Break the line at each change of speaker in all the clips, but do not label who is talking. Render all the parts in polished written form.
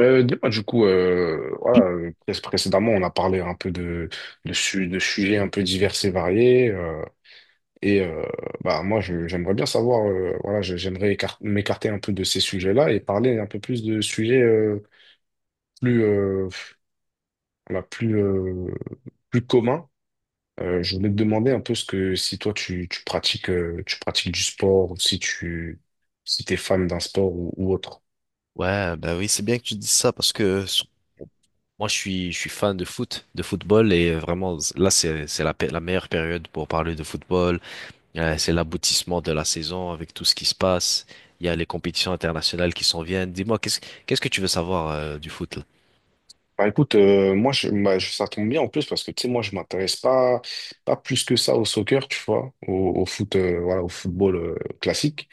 Dis-moi, du coup, voilà, précédemment, on a parlé un peu de sujets un peu divers et variés. Et euh, Moi, j'aimerais bien savoir, voilà, j'aimerais m'écarter un peu de ces sujets-là et parler un peu plus de sujets plus, euh, voilà, plus, euh, plus communs. Je voulais te demander un peu ce que si toi tu pratiques du sport ou si t'es fan d'un sport ou autre.
Ouais, bah oui, c'est bien que tu dises ça moi je suis fan de foot, de football et vraiment là c'est la meilleure période pour parler de football. C'est l'aboutissement de la saison avec tout ce qui se passe. Il y a les compétitions internationales qui s'en viennent. Dis-moi qu'est-ce que tu veux savoir du foot là?
Bah écoute, moi je, bah, je- ça tombe bien en plus parce que tu sais moi je m'intéresse pas plus que ça au soccer tu vois au foot au football classique.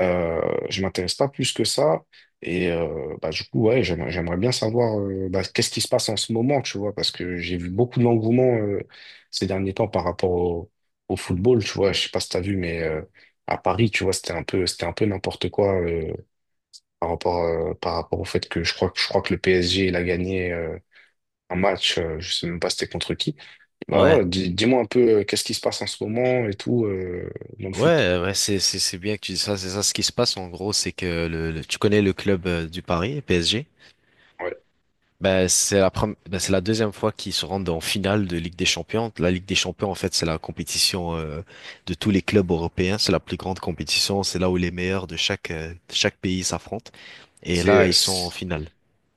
Euh, je m'intéresse pas plus que ça. Et du coup, ouais, j'aimerais bien savoir qu'est-ce qui se passe en ce moment, tu vois, parce que j'ai vu beaucoup d'engouement ces derniers temps par rapport au football, tu vois. Je sais pas si t'as vu, mais à Paris, tu vois, c'était un peu n'importe quoi par rapport au fait que je crois que le PSG, il a gagné un match, je sais même pas c'était contre qui. Bah,
Ouais.
voilà, dis, moi un peu qu'est-ce qui se passe en ce moment et tout dans le foot.
Ouais, c'est bien que tu dises ça, c'est ça ce qui se passe en gros, c'est que tu connais le club du Paris, PSG?
Ouais.
Ben, c'est la deuxième fois qu'ils se rendent en finale de Ligue des Champions. La Ligue des Champions, en fait, c'est la compétition de tous les clubs européens. C'est la plus grande compétition. C'est là où les meilleurs de chaque pays s'affrontent. Et là,
C'est,
ils sont en finale.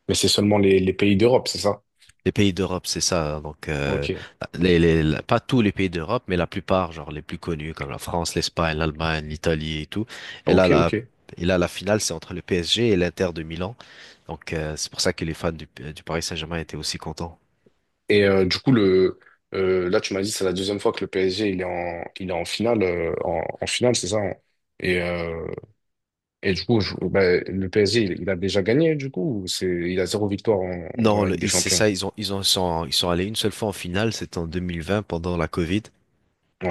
Mais c'est seulement les pays d'Europe, c'est ça?
Les pays d'Europe, c'est ça. Donc,
Ok.
pas tous les pays d'Europe, mais la plupart, genre les plus connus, comme la France, l'Espagne, l'Allemagne, l'Italie et tout. Et là,
Ok,
la,
ok.
et là, la finale, c'est entre le PSG et l'Inter de Milan. Donc, c'est pour ça que les fans du Paris Saint-Germain étaient aussi contents.
Et là, tu m'as dit, c'est la deuxième fois que le PSG, il est en finale, en finale, c'est ça, hein? Et, euh, du coup, ben, le PSG, il a déjà gagné, du coup, il a zéro victoire dans
Non,
la Ligue des
c'est
Champions.
ça, ils sont allés une seule fois en finale, c'était en 2020 pendant la Covid,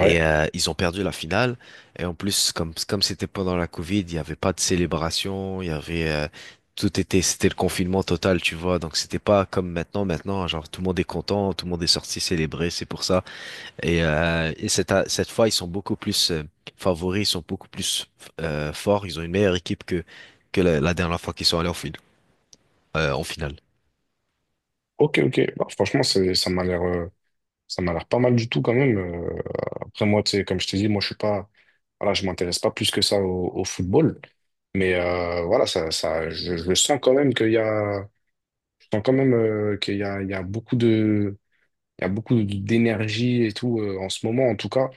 et ils ont perdu la finale. Et en plus, comme c'était pendant la Covid, il n'y avait pas de célébration, il y avait, c'était le confinement total, tu vois. Donc c'était pas comme maintenant, maintenant, hein, genre tout le monde est content, tout le monde est sorti célébrer, c'est pour ça. Et cette fois, ils sont beaucoup plus favoris, ils sont beaucoup plus forts, ils ont une meilleure équipe que la dernière fois qu'ils sont allés en finale.
Ok, ok. Bah, franchement, c'est, ça m'a l'air, Ça m'a l'air pas mal du tout quand même. Après moi, tu sais, comme je t'ai dit, moi je suis pas, voilà, je m'intéresse pas plus que ça au football. Mais voilà, je sens quand même qu'il y a, je sens quand même qu'il y a, il y a beaucoup d'énergie et tout en ce moment en tout cas.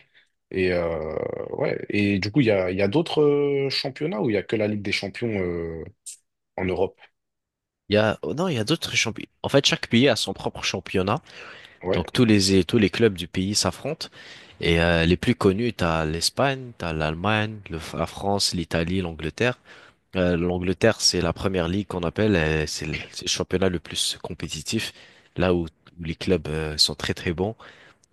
Et ouais, et du coup il y a d'autres championnats où il y a que la Ligue des Champions en Europe.
Il y a, oh non, il y a d'autres championnats. En fait, chaque pays a son propre championnat.
Ouais.
Donc, tous les clubs du pays s'affrontent. Et les plus connus, t'as l'Espagne, t'as l'Allemagne, la France, l'Italie, l'Angleterre. L'Angleterre, c'est la première ligue qu'on appelle. C'est c'est le championnat le plus compétitif, là où les clubs sont très très bons.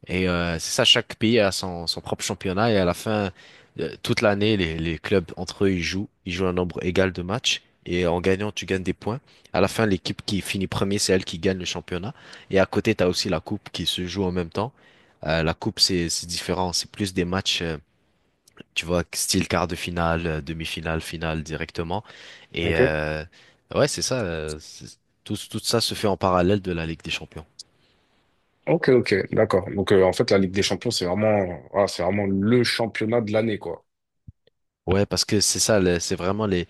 Et c'est ça, chaque pays a son, son propre championnat et à la fin, toute l'année, les clubs entre eux, ils jouent. Ils jouent un nombre égal de matchs et en gagnant, tu gagnes des points. À la fin, l'équipe qui finit premier, c'est elle qui gagne le championnat. Et à côté, tu as aussi la coupe qui se joue en même temps. La coupe, c'est différent. C'est plus des matchs, tu vois, style quart de finale, demi-finale, finale directement. Et
Ok.
ouais, c'est ça. Tout ça se fait en parallèle de la Ligue des Champions.
Ok, ok, d'accord. Donc en fait la Ligue des Champions c'est vraiment le championnat de l'année quoi.
Ouais, parce que c'est ça, c'est vraiment les,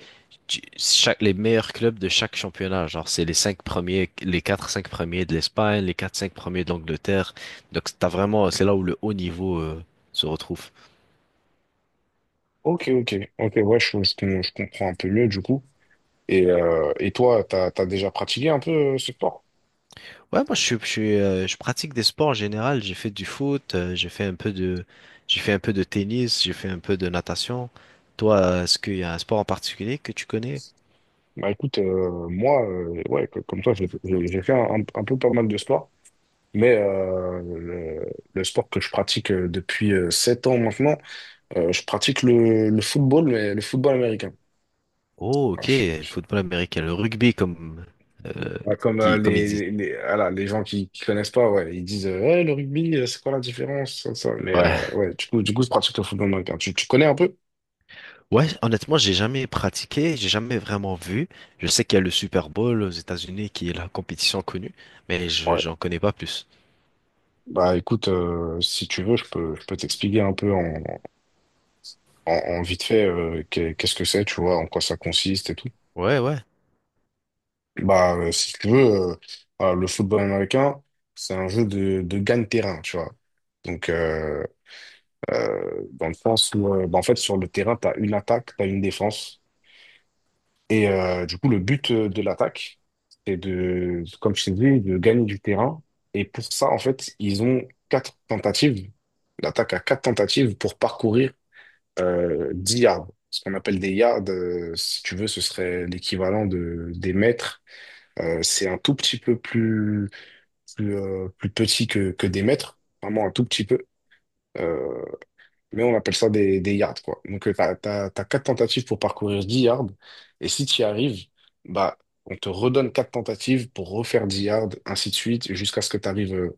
tu- chaque, les meilleurs clubs de chaque championnat. Genre, c'est les cinq premiers, les quatre, cinq premiers de l'Espagne, les quatre, cinq premiers de l'Angleterre. Donc, t'as vraiment, c'est là où le haut niveau, se retrouve.
Ok, ok, ok, ouais, je comprends un peu mieux du coup. Toi, t'as déjà pratiqué un peu ce sport?
Ouais, moi, je pratique des sports en général. J'ai fait du foot, j'ai fait un peu de tennis, j'ai fait un peu de natation. Toi, est-ce qu'il y a un sport en particulier que tu connais?
Bah écoute, ouais, comme toi, j'ai fait un peu pas mal de sport, mais le sport que je pratique depuis 7 ans maintenant, je pratique le football, mais le football américain.
Oh,
Ah,
ok, le football américain, le rugby, euh,
comme
qui, comme ils disent.
voilà, les gens qui connaissent pas, ouais, ils disent ouais, le rugby, c'est quoi la différence? Ça, ça. Mais
Ouais.
ouais, du coup, je pratique le football américain. Tu connais un peu?
Ouais, honnêtement, j'ai jamais pratiqué, j'ai jamais vraiment vu. Je sais qu'il y a le Super Bowl aux États-Unis qui est la compétition connue, mais je j'en connais pas plus.
Bah écoute, si tu veux, je peux t'expliquer un peu en, en vite fait qu'est-ce que c'est, tu vois, en quoi ça consiste et tout.
Ouais, ouais.
Bah si tu veux, euh, voilà, le football américain, c'est un jeu de gagne-terrain, tu vois. Donc euh, Dans le sens où, en fait, sur le terrain, t'as une attaque, t'as une défense. Et du coup, le but de l'attaque, c'est de, comme je t'ai dit, de gagner du terrain. Et pour ça, en fait, ils ont quatre tentatives. L'attaque a quatre tentatives pour parcourir 10 yards. Ce qu'on appelle des yards, si tu veux, ce serait l'équivalent des mètres. C'est un tout petit peu plus petit que des mètres, vraiment un tout petit peu. Euh, mais on appelle ça des yards, quoi. Donc, t'as 4 tentatives pour parcourir 10 yards. Et si tu y arrives, bah, on te redonne 4 tentatives pour refaire 10 yards, ainsi de suite, jusqu'à ce que tu arrives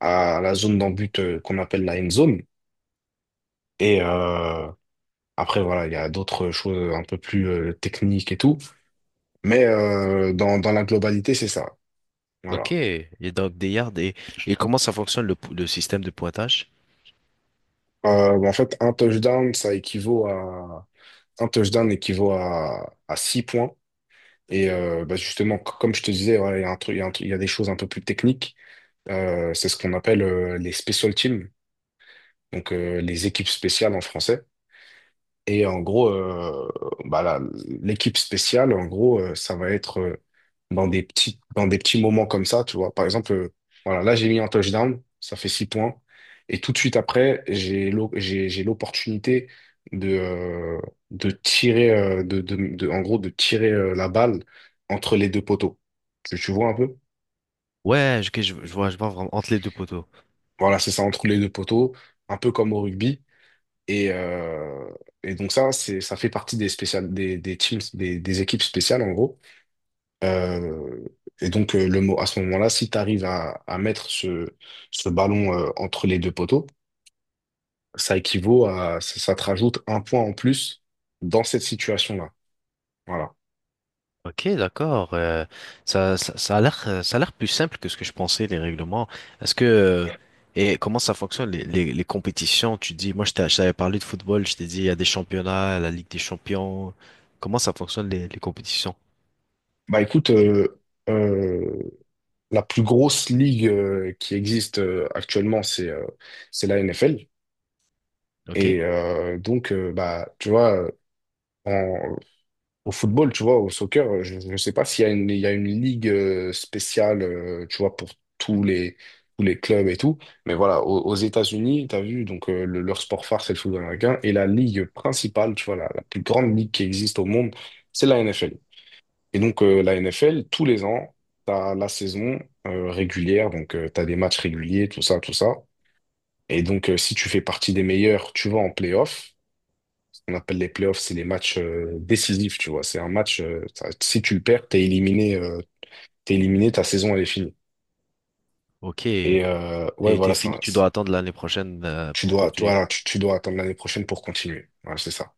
à la zone d'en but qu'on appelle la end zone. Et, euh, Après, voilà, il y a d'autres choses un peu plus techniques et tout. Mais dans la globalité, c'est ça. Voilà.
Ok. Et donc des yards et comment ça fonctionne le système de pointage?
En fait, un touchdown équivaut à 6 points. Et justement, comme je te disais, voilà, il y a un truc, il y a un truc- il y a des choses un peu plus techniques. C'est ce qu'on appelle les special teams, donc les équipes spéciales en français. Et en gros, là, l'équipe spéciale, en gros, ça va être dans des petits moments comme ça, tu vois. Par exemple, voilà, là, j'ai mis un touchdown, ça fait six points. Et tout de suite après, j'ai l'opportunité de, de, tirer, de- en gros, de tirer la balle entre les deux poteaux. Tu vois un peu?
Ouais, ok, je vois vraiment entre les deux poteaux.
Voilà, c'est ça, entre les deux poteaux, un peu comme au rugby. Et, euh, donc ça, ça fait partie des spéciales, des teams, des équipes spéciales en gros. Euh, le mot à ce moment-là, si tu arrives à mettre ce ballon entre les deux poteaux, ça équivaut à, ça te rajoute un point en plus dans cette situation-là. Voilà.
Ok, d'accord. Ça a l'air plus simple que ce que je pensais, les règlements. Est-ce que, et comment ça fonctionne, les compétitions? Tu dis, moi, je t'avais parlé de football, je t'ai dit, il y a des championnats, la Ligue des champions. Comment ça fonctionne, les compétitions?
Bah écoute, euh, la plus grosse ligue qui existe actuellement, c'est la NFL.
Ok,
Et donc, tu vois. Au football, tu vois, au soccer, je ne sais pas s'il y a une ligue spéciale, tu vois, pour tous les, tous les clubs et tout. Mais voilà, aux États-Unis, tu as vu, donc leur sport phare, c'est le football américain. Et la ligue principale, tu vois, la plus grande ligue qui existe au monde, c'est la NFL. Et donc, la NFL, tous les ans, tu as la saison régulière, donc tu as des matchs réguliers, tout ça, tout ça. Et donc, si tu fais partie des meilleurs, tu vas en playoff. On appelle les playoffs, c'est les matchs décisifs, tu vois. C'est un match, si tu le perds, t'es éliminé, ta saison, elle est finie.
ok.
Et ouais,
T'es, t'es
voilà, ça,
fini, tu
ça-
dois attendre l'année prochaine,
tu
pour
dois, tu,
continuer.
voilà, tu dois attendre l'année prochaine pour continuer. Voilà, c'est ça.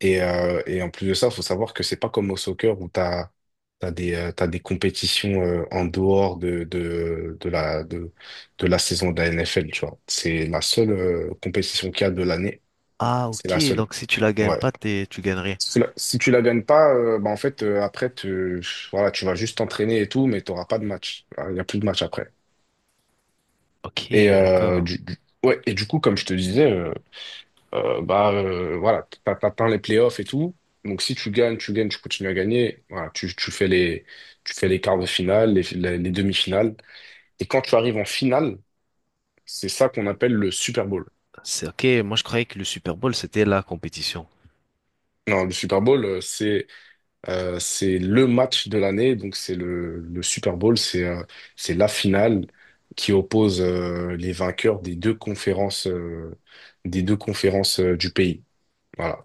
En plus de ça, il faut savoir que c'est pas comme au soccer où t'as des compétitions en dehors de la saison de la NFL, tu vois. C'est la seule compétition qu'il y a de l'année.
Ah,
C'est la
ok.
seule.
Donc, si tu la gagnes
Ouais.
pas, t'es, tu gagnes rien.
Si tu la gagnes pas, en fait, après, voilà, tu vas juste t'entraîner et tout, mais tu n'auras pas de match. Il n'y a plus de match après. Et,
Ok,
euh,
d'accord.
du, du- ouais, et du coup, comme je te disais, voilà, t'atteins les playoffs et tout. Donc, si tu gagnes, tu gagnes, tu continues à gagner. Voilà, tu fais les quarts de finale, les demi-finales. Et quand tu arrives en finale, c'est ça qu'on appelle le Super Bowl.
C'est ok. Moi, je croyais que le Super Bowl, c'était la compétition.
Non, le Super Bowl, c'est le match de l'année, donc le Super Bowl, c'est la finale qui oppose les vainqueurs des deux conférences du pays. Voilà.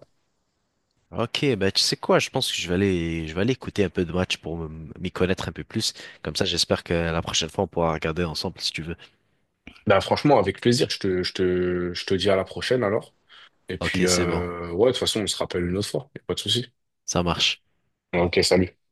Ok, bah tu sais quoi, je pense que je vais aller écouter un peu de match pour m'y connaître un peu plus. Comme ça, j'espère que la prochaine fois, on pourra regarder ensemble si tu veux.
Bah, franchement, avec plaisir, je te dis à la prochaine alors. Et puis
Ok, c'est bon,
ouais, de toute façon, on se rappelle une autre fois, y a pas de souci.
ça marche.
Ok, salut.